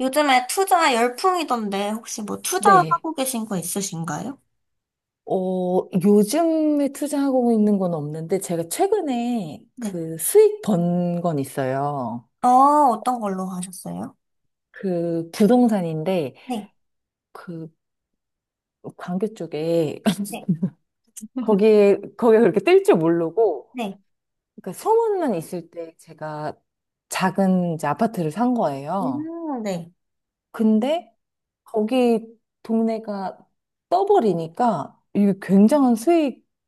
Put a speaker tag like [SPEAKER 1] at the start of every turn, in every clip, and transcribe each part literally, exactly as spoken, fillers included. [SPEAKER 1] 요즘에 투자 열풍이던데 혹시 뭐
[SPEAKER 2] 네.
[SPEAKER 1] 투자하고 계신 거 있으신가요?
[SPEAKER 2] 어, 요즘에 투자하고 있는 건 없는데, 제가 최근에
[SPEAKER 1] 네.
[SPEAKER 2] 그 수익 번 건 있어요.
[SPEAKER 1] 어, 어떤 걸로 하셨어요?
[SPEAKER 2] 그 부동산인데,
[SPEAKER 1] 네.
[SPEAKER 2] 그 광교 쪽에,
[SPEAKER 1] 네.
[SPEAKER 2] 거기에, 거기에 그렇게 뜰 줄 모르고,
[SPEAKER 1] 네.
[SPEAKER 2] 그러니까 소문만 있을 때 제가 작은 이제 아파트를 산 거예요.
[SPEAKER 1] 음, 네.
[SPEAKER 2] 근데 거기 동네가 떠버리니까 이게 굉장한 수익이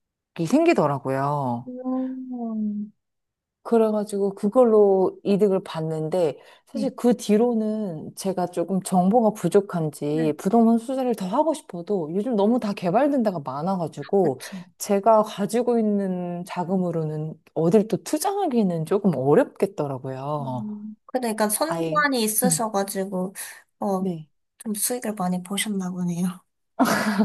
[SPEAKER 2] 생기더라고요.
[SPEAKER 1] 음,
[SPEAKER 2] 그래가지고 그걸로 이득을 봤는데
[SPEAKER 1] 네.
[SPEAKER 2] 사실 그 뒤로는 제가 조금 정보가
[SPEAKER 1] 네.
[SPEAKER 2] 부족한지 부동산 투자를 더 하고 싶어도 요즘 너무 다 개발된 데가 많아가지고
[SPEAKER 1] 그쵸.
[SPEAKER 2] 제가 가지고 있는 자금으로는 어딜 또 투자하기는 조금 어렵겠더라고요.
[SPEAKER 1] 음, 그러니까
[SPEAKER 2] 아예.
[SPEAKER 1] 선관이
[SPEAKER 2] 음,
[SPEAKER 1] 있으셔가지고, 어,
[SPEAKER 2] 네.
[SPEAKER 1] 좀 수익을 많이 보셨나 보네요.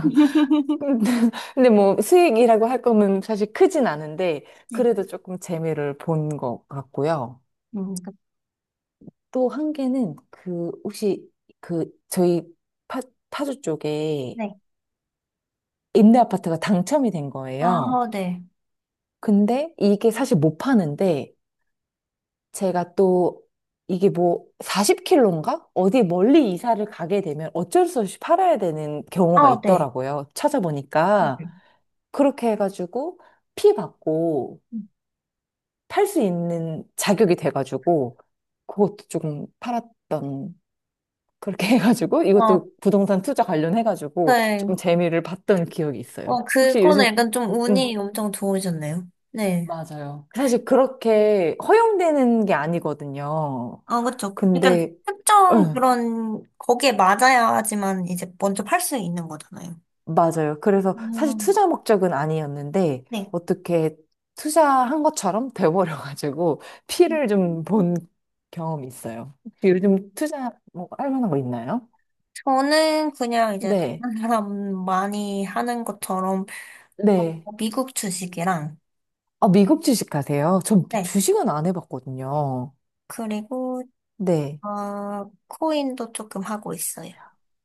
[SPEAKER 2] 근데 뭐 수익이라고 할 거면 사실 크진 않은데
[SPEAKER 1] 네.
[SPEAKER 2] 그래도 조금 재미를 본 것 같고요.
[SPEAKER 1] 음, 그-
[SPEAKER 2] 또 한 개는 그 혹시 그 저희 파, 파주 쪽에
[SPEAKER 1] 네.
[SPEAKER 2] 임대 아파트가 당첨이 된 거예요.
[SPEAKER 1] 아, 네.
[SPEAKER 2] 근데 이게 사실 못 파는데 제가 또 이게 뭐 사십 킬로인가? 어디 멀리 이사를 가게 되면 어쩔 수 없이 팔아야 되는 경우가
[SPEAKER 1] 아, 네.
[SPEAKER 2] 있더라고요. 찾아보니까
[SPEAKER 1] 음.
[SPEAKER 2] 그렇게 해가지고 피 받고 팔 수 있는 자격이 돼가지고 그것도 조금 팔았던 그렇게 해가지고 이것도
[SPEAKER 1] 아,
[SPEAKER 2] 부동산 투자 관련해가지고 조금
[SPEAKER 1] 네.
[SPEAKER 2] 재미를 봤던 기억이 있어요.
[SPEAKER 1] 어,
[SPEAKER 2] 혹시
[SPEAKER 1] 그거는
[SPEAKER 2] 요즘,
[SPEAKER 1] 약간 좀
[SPEAKER 2] 음,
[SPEAKER 1] 운이 엄청 좋으셨네요. 네.
[SPEAKER 2] 맞아요. 사실 그렇게 허용되는 게 아니거든요.
[SPEAKER 1] 아, 그쵸. 약간
[SPEAKER 2] 근데,
[SPEAKER 1] 특정
[SPEAKER 2] 응,
[SPEAKER 1] 그런, 거기에 맞아야지만 이제 먼저 팔 수 있는 거잖아요.
[SPEAKER 2] 맞아요. 그래서 사실
[SPEAKER 1] 음.
[SPEAKER 2] 투자 목적은 아니었는데
[SPEAKER 1] 네.
[SPEAKER 2] 어떻게 투자한 것처럼 돼버려가지고 피를 좀 본 경험이 있어요. 혹시 요즘 투자 뭐 할 만한 거 있나요?
[SPEAKER 1] 저는 그냥 이제
[SPEAKER 2] 네,
[SPEAKER 1] 다른 사람 많이 하는 것처럼
[SPEAKER 2] 네.
[SPEAKER 1] 어, 미국 주식이랑,
[SPEAKER 2] 아, 미국 주식 하세요? 전
[SPEAKER 1] 네.
[SPEAKER 2] 주식은 안 해봤거든요.
[SPEAKER 1] 그리고,
[SPEAKER 2] 네.
[SPEAKER 1] 어, 코인도 조금 하고 있어요.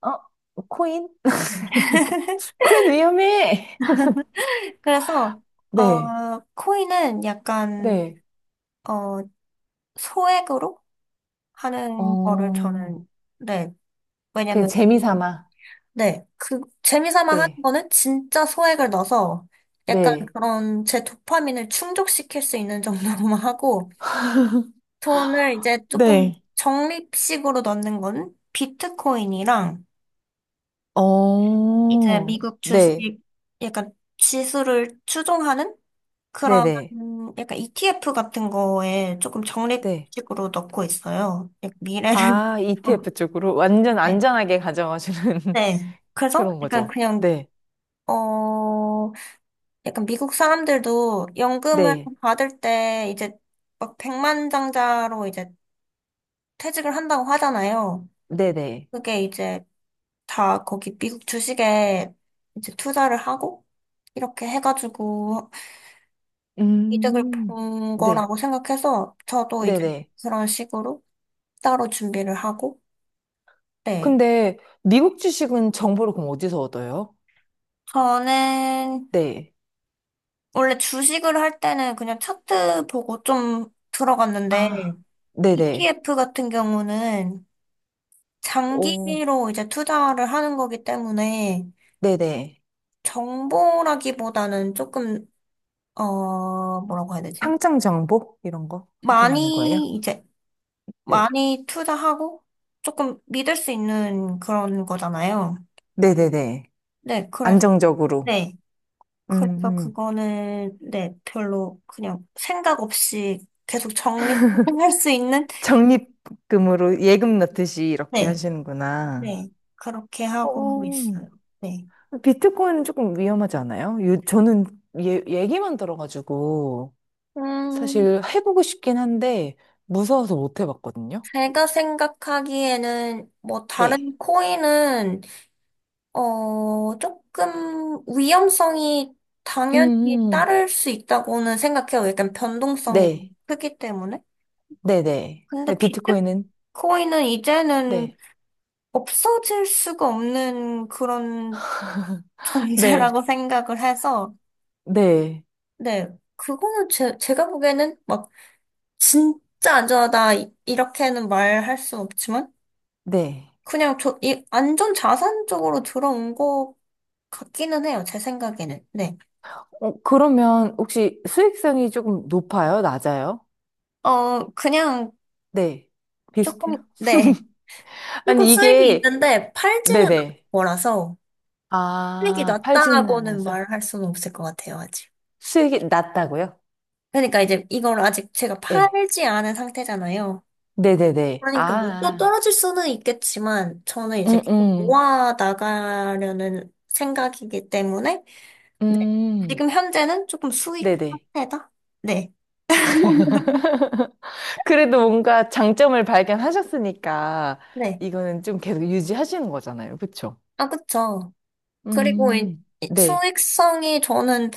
[SPEAKER 2] 어? 코인?
[SPEAKER 1] 네.
[SPEAKER 2] 코인 위험해!
[SPEAKER 1] 그래서,
[SPEAKER 2] 네.
[SPEAKER 1] 어, 코인은 약간,
[SPEAKER 2] 네.
[SPEAKER 1] 어, 소액으로 하는 거를
[SPEAKER 2] 어,
[SPEAKER 1] 저는, 네.
[SPEAKER 2] 그냥
[SPEAKER 1] 왜냐면,
[SPEAKER 2] 재미 삼아.
[SPEAKER 1] 네, 그 재미삼아 하는
[SPEAKER 2] 네.
[SPEAKER 1] 거는 진짜 소액을 넣어서 약간
[SPEAKER 2] 네.
[SPEAKER 1] 그런 제 도파민을 충족시킬 수 있는 정도로만 하고 돈을 이제 조금
[SPEAKER 2] 네.
[SPEAKER 1] 적립식으로 넣는 건 비트코인이랑 이제
[SPEAKER 2] 어,
[SPEAKER 1] 미국 주식
[SPEAKER 2] 네.
[SPEAKER 1] 약간 지수를 추종하는 그런
[SPEAKER 2] 네네.
[SPEAKER 1] 약간 이티에프 같은 거에 조금
[SPEAKER 2] 네.
[SPEAKER 1] 적립식으로 넣고 있어요. 약간 미래를.
[SPEAKER 2] 아,
[SPEAKER 1] 위해서.
[SPEAKER 2] 이티에프 쪽으로 완전
[SPEAKER 1] 네.
[SPEAKER 2] 안전하게 가져가주는
[SPEAKER 1] 네. 그래서
[SPEAKER 2] 그런
[SPEAKER 1] 약간
[SPEAKER 2] 거죠.
[SPEAKER 1] 그냥
[SPEAKER 2] 네.
[SPEAKER 1] 어 약간 미국 사람들도 연금을
[SPEAKER 2] 네.
[SPEAKER 1] 받을 때 이제 막 백만장자로 이제 퇴직을 한다고 하잖아요.
[SPEAKER 2] 네네.
[SPEAKER 1] 그게 이제 다 거기 미국 주식에 이제 투자를 하고 이렇게 해가지고 이득을
[SPEAKER 2] 음,
[SPEAKER 1] 본
[SPEAKER 2] 네.
[SPEAKER 1] 거라고 생각해서 저도 이제
[SPEAKER 2] 네네.
[SPEAKER 1] 그런 식으로 따로 준비를 하고, 네.
[SPEAKER 2] 근데 미국 주식은 정보를 그럼 어디서 얻어요?
[SPEAKER 1] 저는
[SPEAKER 2] 네.
[SPEAKER 1] 원래 주식을 할 때는 그냥 차트 보고 좀
[SPEAKER 2] 아,
[SPEAKER 1] 들어갔는데
[SPEAKER 2] 네네.
[SPEAKER 1] 이티에프 같은 경우는
[SPEAKER 2] 오,
[SPEAKER 1] 장기로 이제 투자를 하는 거기 때문에
[SPEAKER 2] 네네.
[SPEAKER 1] 정보라기보다는 조금, 어, 뭐라고 해야 되지?
[SPEAKER 2] 상장 정보? 이런 거 확인하는 거예요?
[SPEAKER 1] 많이, 이제,
[SPEAKER 2] 네.
[SPEAKER 1] 많이 투자하고 조금 믿을 수 있는 그런 거잖아요.
[SPEAKER 2] 네네네.
[SPEAKER 1] 네, 그래서,
[SPEAKER 2] 안정적으로.
[SPEAKER 1] 네.
[SPEAKER 2] 음,
[SPEAKER 1] 그래서
[SPEAKER 2] 음.
[SPEAKER 1] 그거는, 네, 별로 그냥 생각 없이 계속 적립할 수 있는,
[SPEAKER 2] 적립금으로 예금 넣듯이 이렇게
[SPEAKER 1] 네,
[SPEAKER 2] 하시는구나.
[SPEAKER 1] 네. 그렇게
[SPEAKER 2] 어,
[SPEAKER 1] 하고 있어요. 네.
[SPEAKER 2] 비트코인은 조금 위험하지 않아요? 요, 저는 얘 얘기만 들어가지고
[SPEAKER 1] 음,
[SPEAKER 2] 사실 해보고 싶긴 한데 무서워서 못 해봤거든요.
[SPEAKER 1] 제가 생각하기에는 뭐
[SPEAKER 2] 네.
[SPEAKER 1] 다른 코인은 어 조금 위험성이
[SPEAKER 2] 음,
[SPEAKER 1] 당연히
[SPEAKER 2] 음.
[SPEAKER 1] 따를 수 있다고는 생각해요. 약간 변동성이 너무
[SPEAKER 2] 네.
[SPEAKER 1] 크기 때문에.
[SPEAKER 2] 네네. 네,
[SPEAKER 1] 근데
[SPEAKER 2] 비트코인은?
[SPEAKER 1] 비트코인은 이제는
[SPEAKER 2] 네.
[SPEAKER 1] 없어질 수가 없는 그런
[SPEAKER 2] 네.
[SPEAKER 1] 존재라고 생각을 해서
[SPEAKER 2] 네.
[SPEAKER 1] 네 그거는 제, 제가 보기에는 막 진짜 안전하다 이- 이렇게는 말할 수 없지만.
[SPEAKER 2] 네.
[SPEAKER 1] 그냥 저, 이, 안전 자산 쪽으로 들어온 것 같기는 해요, 제 생각에는. 네.
[SPEAKER 2] 어, 그러면 혹시 수익성이 조금 높아요? 낮아요?
[SPEAKER 1] 어, 그냥
[SPEAKER 2] 네.
[SPEAKER 1] 조금,
[SPEAKER 2] 비슷해요?
[SPEAKER 1] 네. 조금
[SPEAKER 2] 아니,
[SPEAKER 1] 수익이
[SPEAKER 2] 이게,
[SPEAKER 1] 있는데 팔지는 않을
[SPEAKER 2] 네네.
[SPEAKER 1] 거라서 수익이
[SPEAKER 2] 아, 팔지는
[SPEAKER 1] 낮다라고는
[SPEAKER 2] 않아서.
[SPEAKER 1] 말할 수는 없을 것 같아요, 아직.
[SPEAKER 2] 수익이 낮다고요?
[SPEAKER 1] 그러니까 이제 이걸 아직 제가
[SPEAKER 2] 네.
[SPEAKER 1] 팔지 않은 상태잖아요.
[SPEAKER 2] 네네네.
[SPEAKER 1] 그러니까 뭐 또
[SPEAKER 2] 아,
[SPEAKER 1] 떨어질 수는 있겠지만 저는 이제
[SPEAKER 2] 음,
[SPEAKER 1] 계속
[SPEAKER 2] 음,
[SPEAKER 1] 모아 나가려는 생각이기 때문에 네.
[SPEAKER 2] 음,
[SPEAKER 1] 지금 현재는 조금 수익
[SPEAKER 2] 네네.
[SPEAKER 1] 상태다? 네.
[SPEAKER 2] 그래도 뭔가 장점을 발견하셨으니까,
[SPEAKER 1] 네.
[SPEAKER 2] 이거는 좀 계속 유지하시는 거잖아요. 그쵸?
[SPEAKER 1] 아, 그쵸. 그리고 이-
[SPEAKER 2] 음,
[SPEAKER 1] 이
[SPEAKER 2] 네,
[SPEAKER 1] 수익성이 저는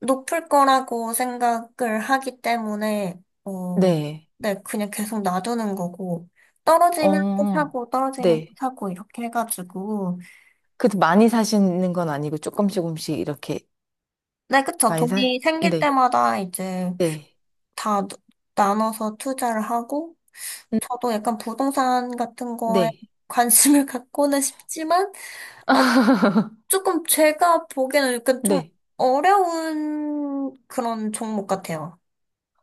[SPEAKER 1] 높을 거라고 생각을 하기 때문에, 어,
[SPEAKER 2] 네.
[SPEAKER 1] 네, 그냥 계속 놔두는 거고, 떨어지면 또
[SPEAKER 2] 어,
[SPEAKER 1] 사고, 떨어지면 또
[SPEAKER 2] 네.
[SPEAKER 1] 사고, 이렇게 해가지고,
[SPEAKER 2] 그래도 많이 사시는 건 아니고 조금씩 조금씩 이렇게
[SPEAKER 1] 네, 그쵸.
[SPEAKER 2] 많이 사?
[SPEAKER 1] 돈이 생길
[SPEAKER 2] 네,
[SPEAKER 1] 때마다 이제
[SPEAKER 2] 네,
[SPEAKER 1] 다 누- 나눠서 투자를 하고,
[SPEAKER 2] 음,
[SPEAKER 1] 저도 약간 부동산 같은 거에
[SPEAKER 2] 네,
[SPEAKER 1] 관심을 갖고는 싶지만, 아, 조금 제가 보기에는 약간 좀
[SPEAKER 2] 네.
[SPEAKER 1] 어려운 그런 종목 같아요.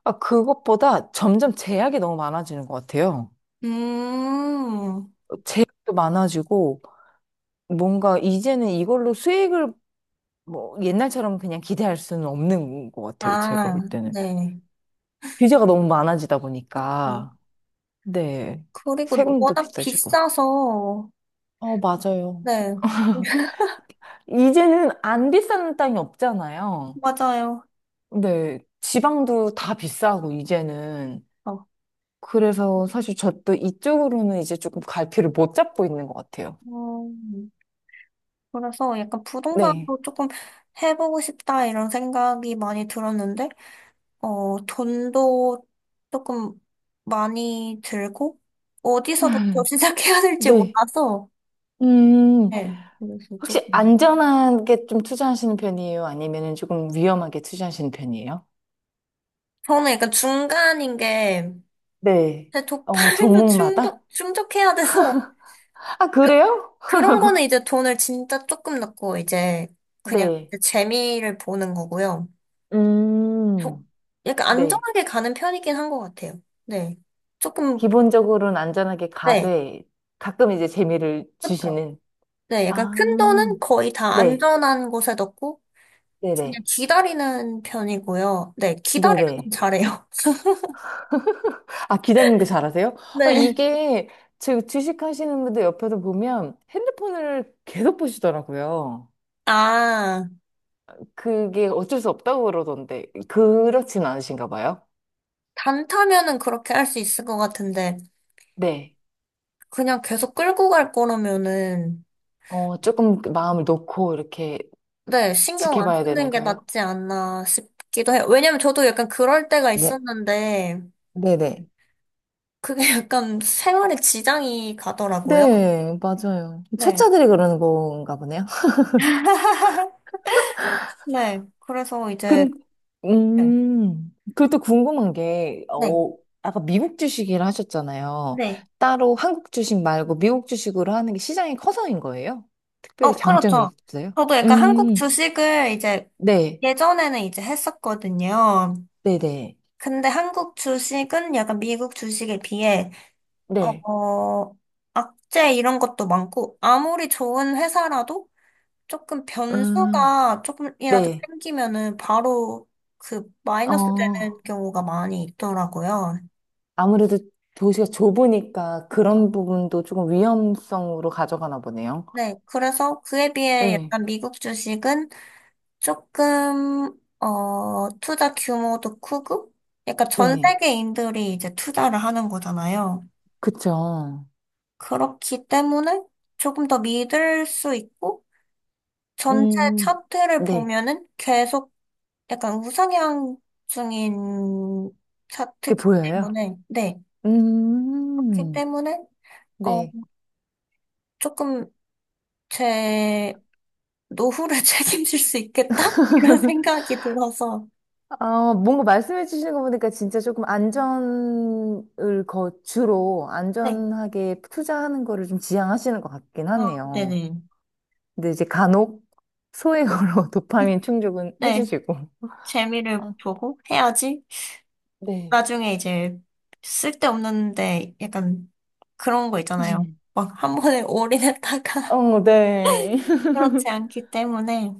[SPEAKER 2] 아, 그것보다 점점 제약이 너무 많아지는 것 같아요.
[SPEAKER 1] 음,
[SPEAKER 2] 제약도 많아지고 뭔가 이제는 이걸로 수익을 뭐 옛날처럼 그냥 기대할 수는 없는 것 같아요. 제가
[SPEAKER 1] 아,
[SPEAKER 2] 볼 때는.
[SPEAKER 1] 네.
[SPEAKER 2] 규제가 너무 많아지다
[SPEAKER 1] 네.
[SPEAKER 2] 보니까. 네.
[SPEAKER 1] 그리고
[SPEAKER 2] 세금도
[SPEAKER 1] 워낙
[SPEAKER 2] 비싸지고.
[SPEAKER 1] 비싸서,
[SPEAKER 2] 어, 맞아요.
[SPEAKER 1] 네,
[SPEAKER 2] 이제는 안 비싼 땅이 없잖아요.
[SPEAKER 1] 맞아요.
[SPEAKER 2] 네, 지방도 다 비싸고, 이제는.
[SPEAKER 1] 어,
[SPEAKER 2] 그래서 사실 저도 이쪽으로는 이제 조금 갈피를 못 잡고 있는 것 같아요.
[SPEAKER 1] 음, 그래서 약간
[SPEAKER 2] 네.
[SPEAKER 1] 부동산도 조금 해보고 싶다 이런 생각이 많이 들었는데, 어, 돈도 조금 많이 들고, 어디서부터 시작해야 될지
[SPEAKER 2] 네.
[SPEAKER 1] 몰라서,
[SPEAKER 2] 음,
[SPEAKER 1] 네, 그래서
[SPEAKER 2] 혹시
[SPEAKER 1] 조금.
[SPEAKER 2] 안전하게 좀 투자하시는 편이에요? 아니면 조금 위험하게 투자하시는 편이에요?
[SPEAKER 1] 저는 약간 중간인 게,
[SPEAKER 2] 네.
[SPEAKER 1] 제
[SPEAKER 2] 어,
[SPEAKER 1] 도파민도
[SPEAKER 2] 종목마다?
[SPEAKER 1] 충족, 충족해야 돼서,
[SPEAKER 2] 아,
[SPEAKER 1] 그,
[SPEAKER 2] 그래요?
[SPEAKER 1] 그런 거는 이제 돈을 진짜 조금 넣고, 이제, 그냥
[SPEAKER 2] 네.
[SPEAKER 1] 이제 재미를 보는 거고요. 저-
[SPEAKER 2] 음,
[SPEAKER 1] 약간
[SPEAKER 2] 네.
[SPEAKER 1] 안정하게 가는 편이긴 한 것 같아요. 네. 조금,
[SPEAKER 2] 기본적으로는 안전하게
[SPEAKER 1] 네.
[SPEAKER 2] 가되 가끔 이제 재미를
[SPEAKER 1] 그쵸.
[SPEAKER 2] 주시는.
[SPEAKER 1] 네. 약간
[SPEAKER 2] 아,
[SPEAKER 1] 큰 돈은 거의 다
[SPEAKER 2] 네.
[SPEAKER 1] 안전한 곳에 넣고, 그냥
[SPEAKER 2] 네네.
[SPEAKER 1] 기다리는 편이고요. 네. 기다리는 건
[SPEAKER 2] 네네.
[SPEAKER 1] 잘해요.
[SPEAKER 2] 아, 기다리는 거 잘하세요? 아,
[SPEAKER 1] 네.
[SPEAKER 2] 이게 제 주식하시는 분들 옆에서 보면 핸드폰을 계속 보시더라고요.
[SPEAKER 1] 아,
[SPEAKER 2] 그게 어쩔 수 없다고 그러던데, 그렇진 않으신가 봐요?
[SPEAKER 1] 단타면은 그렇게 할 수 있을 것 같은데.
[SPEAKER 2] 네.
[SPEAKER 1] 그냥 계속 끌고 갈 거라면은,
[SPEAKER 2] 어, 조금 그 마음을 놓고 이렇게
[SPEAKER 1] 네, 신경 안
[SPEAKER 2] 지켜봐야
[SPEAKER 1] 쓰는
[SPEAKER 2] 되는
[SPEAKER 1] 게
[SPEAKER 2] 거예요?
[SPEAKER 1] 낫지 않나 싶기도 해요. 왜냐면 저도 약간 그럴 때가
[SPEAKER 2] 네,
[SPEAKER 1] 있었는데,
[SPEAKER 2] 네네.
[SPEAKER 1] 그게 약간 생활에 지장이 가더라고요.
[SPEAKER 2] 네, 맞아요.
[SPEAKER 1] 네.
[SPEAKER 2] 초짜들이 그러는 건가 보네요.
[SPEAKER 1] 네. 그래서 이제,
[SPEAKER 2] 근,
[SPEAKER 1] 네.
[SPEAKER 2] 음, 그리고 또 궁금한 게,
[SPEAKER 1] 네.
[SPEAKER 2] 어, 아까 미국 주식이라 하셨잖아요.
[SPEAKER 1] 네.
[SPEAKER 2] 따로 한국 주식 말고 미국 주식으로 하는 게 시장이 커서인 거예요?
[SPEAKER 1] 어,
[SPEAKER 2] 특별히
[SPEAKER 1] 그렇죠.
[SPEAKER 2] 장점이 있어요?
[SPEAKER 1] 저도 약간 한국
[SPEAKER 2] 음,
[SPEAKER 1] 주식을 이제
[SPEAKER 2] 네,
[SPEAKER 1] 예전에는 이제 했었거든요.
[SPEAKER 2] 네네,
[SPEAKER 1] 근데 한국 주식은 약간 미국 주식에 비해
[SPEAKER 2] 네,
[SPEAKER 1] 어, 악재 이런 것도 많고, 아무리 좋은 회사라도 조금
[SPEAKER 2] 음,
[SPEAKER 1] 변수가 조금이라도
[SPEAKER 2] 네,
[SPEAKER 1] 생기면은 바로 그 마이너스 되는
[SPEAKER 2] 어,
[SPEAKER 1] 경우가 많이 있더라고요.
[SPEAKER 2] 아무래도 도시가 좁으니까 그런 부분도 조금 위험성으로 가져가나 보네요.
[SPEAKER 1] 네, 그래서 그에 비해
[SPEAKER 2] 네,
[SPEAKER 1] 약간 미국 주식은 조금, 어, 투자 규모도 크고, 약간 전
[SPEAKER 2] 네,
[SPEAKER 1] 세계인들이 이제 투자를 하는 거잖아요.
[SPEAKER 2] 그쵸.
[SPEAKER 1] 그렇기 때문에 조금 더 믿을 수 있고, 전체
[SPEAKER 2] 음,
[SPEAKER 1] 차트를
[SPEAKER 2] 네,
[SPEAKER 1] 보면은 계속 약간 우상향 중인
[SPEAKER 2] 그게
[SPEAKER 1] 차트기
[SPEAKER 2] 보여요.
[SPEAKER 1] 때문에, 네. 그렇기
[SPEAKER 2] 음.
[SPEAKER 1] 때문에, 어,
[SPEAKER 2] 네.
[SPEAKER 1] 조금 제 노후를 책임질 수 있겠다? 이런 생각이 들어서,
[SPEAKER 2] 아, 뭔가 말씀해 주시는 거 보니까 진짜 조금 안전을 거, 주로
[SPEAKER 1] 네.
[SPEAKER 2] 안전하게 투자하는 거를 좀 지향하시는 것 같긴
[SPEAKER 1] 어,
[SPEAKER 2] 하네요.
[SPEAKER 1] 네네.
[SPEAKER 2] 근데 이제 간혹 소액으로 도파민 충족은
[SPEAKER 1] 네.
[SPEAKER 2] 해주시고.
[SPEAKER 1] 재미를
[SPEAKER 2] 아,
[SPEAKER 1] 보고 해야지.
[SPEAKER 2] 네.
[SPEAKER 1] 나중에 이제 쓸데없는데 약간 그런 거 있잖아요.
[SPEAKER 2] 음.
[SPEAKER 1] 막 한 번에 올인했다가
[SPEAKER 2] 어, 네.
[SPEAKER 1] 그렇지 않기 때문에,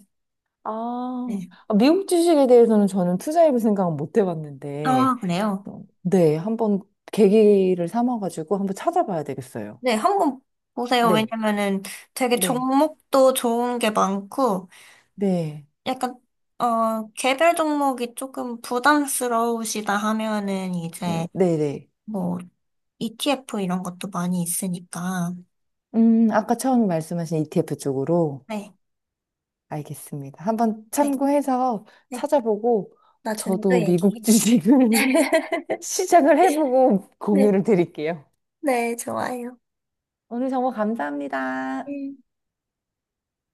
[SPEAKER 2] 아,
[SPEAKER 1] 네.
[SPEAKER 2] 아, 미국 주식에 대해서는 저는 투자해볼 생각은 못 해봤는데,
[SPEAKER 1] 아, 그래요.
[SPEAKER 2] 어, 네, 한번 계기를 삼아가지고 한번 찾아봐야 되겠어요.
[SPEAKER 1] 네, 한번 보세요.
[SPEAKER 2] 네,
[SPEAKER 1] 왜냐면은 되게
[SPEAKER 2] 네,
[SPEAKER 1] 종목도 좋은 게 많고,
[SPEAKER 2] 네,
[SPEAKER 1] 약간, 어, 개별 종목이 조금 부담스러우시다 하면은 이제,
[SPEAKER 2] 네, 네.
[SPEAKER 1] 뭐, 이티에프 이런 것도 많이 있으니까.
[SPEAKER 2] 음, 아까 처음 말씀하신 이티에프 쪽으로
[SPEAKER 1] 네,
[SPEAKER 2] 알겠습니다. 한번
[SPEAKER 1] 네,
[SPEAKER 2] 참고해서
[SPEAKER 1] 네.
[SPEAKER 2] 찾아보고
[SPEAKER 1] 나중에 또
[SPEAKER 2] 저도 미국
[SPEAKER 1] 얘기해요.
[SPEAKER 2] 주식을 시작을 해보고
[SPEAKER 1] 네,
[SPEAKER 2] 공유를 드릴게요.
[SPEAKER 1] 네, 좋아요.
[SPEAKER 2] 오늘 정보 감사합니다.
[SPEAKER 1] 음.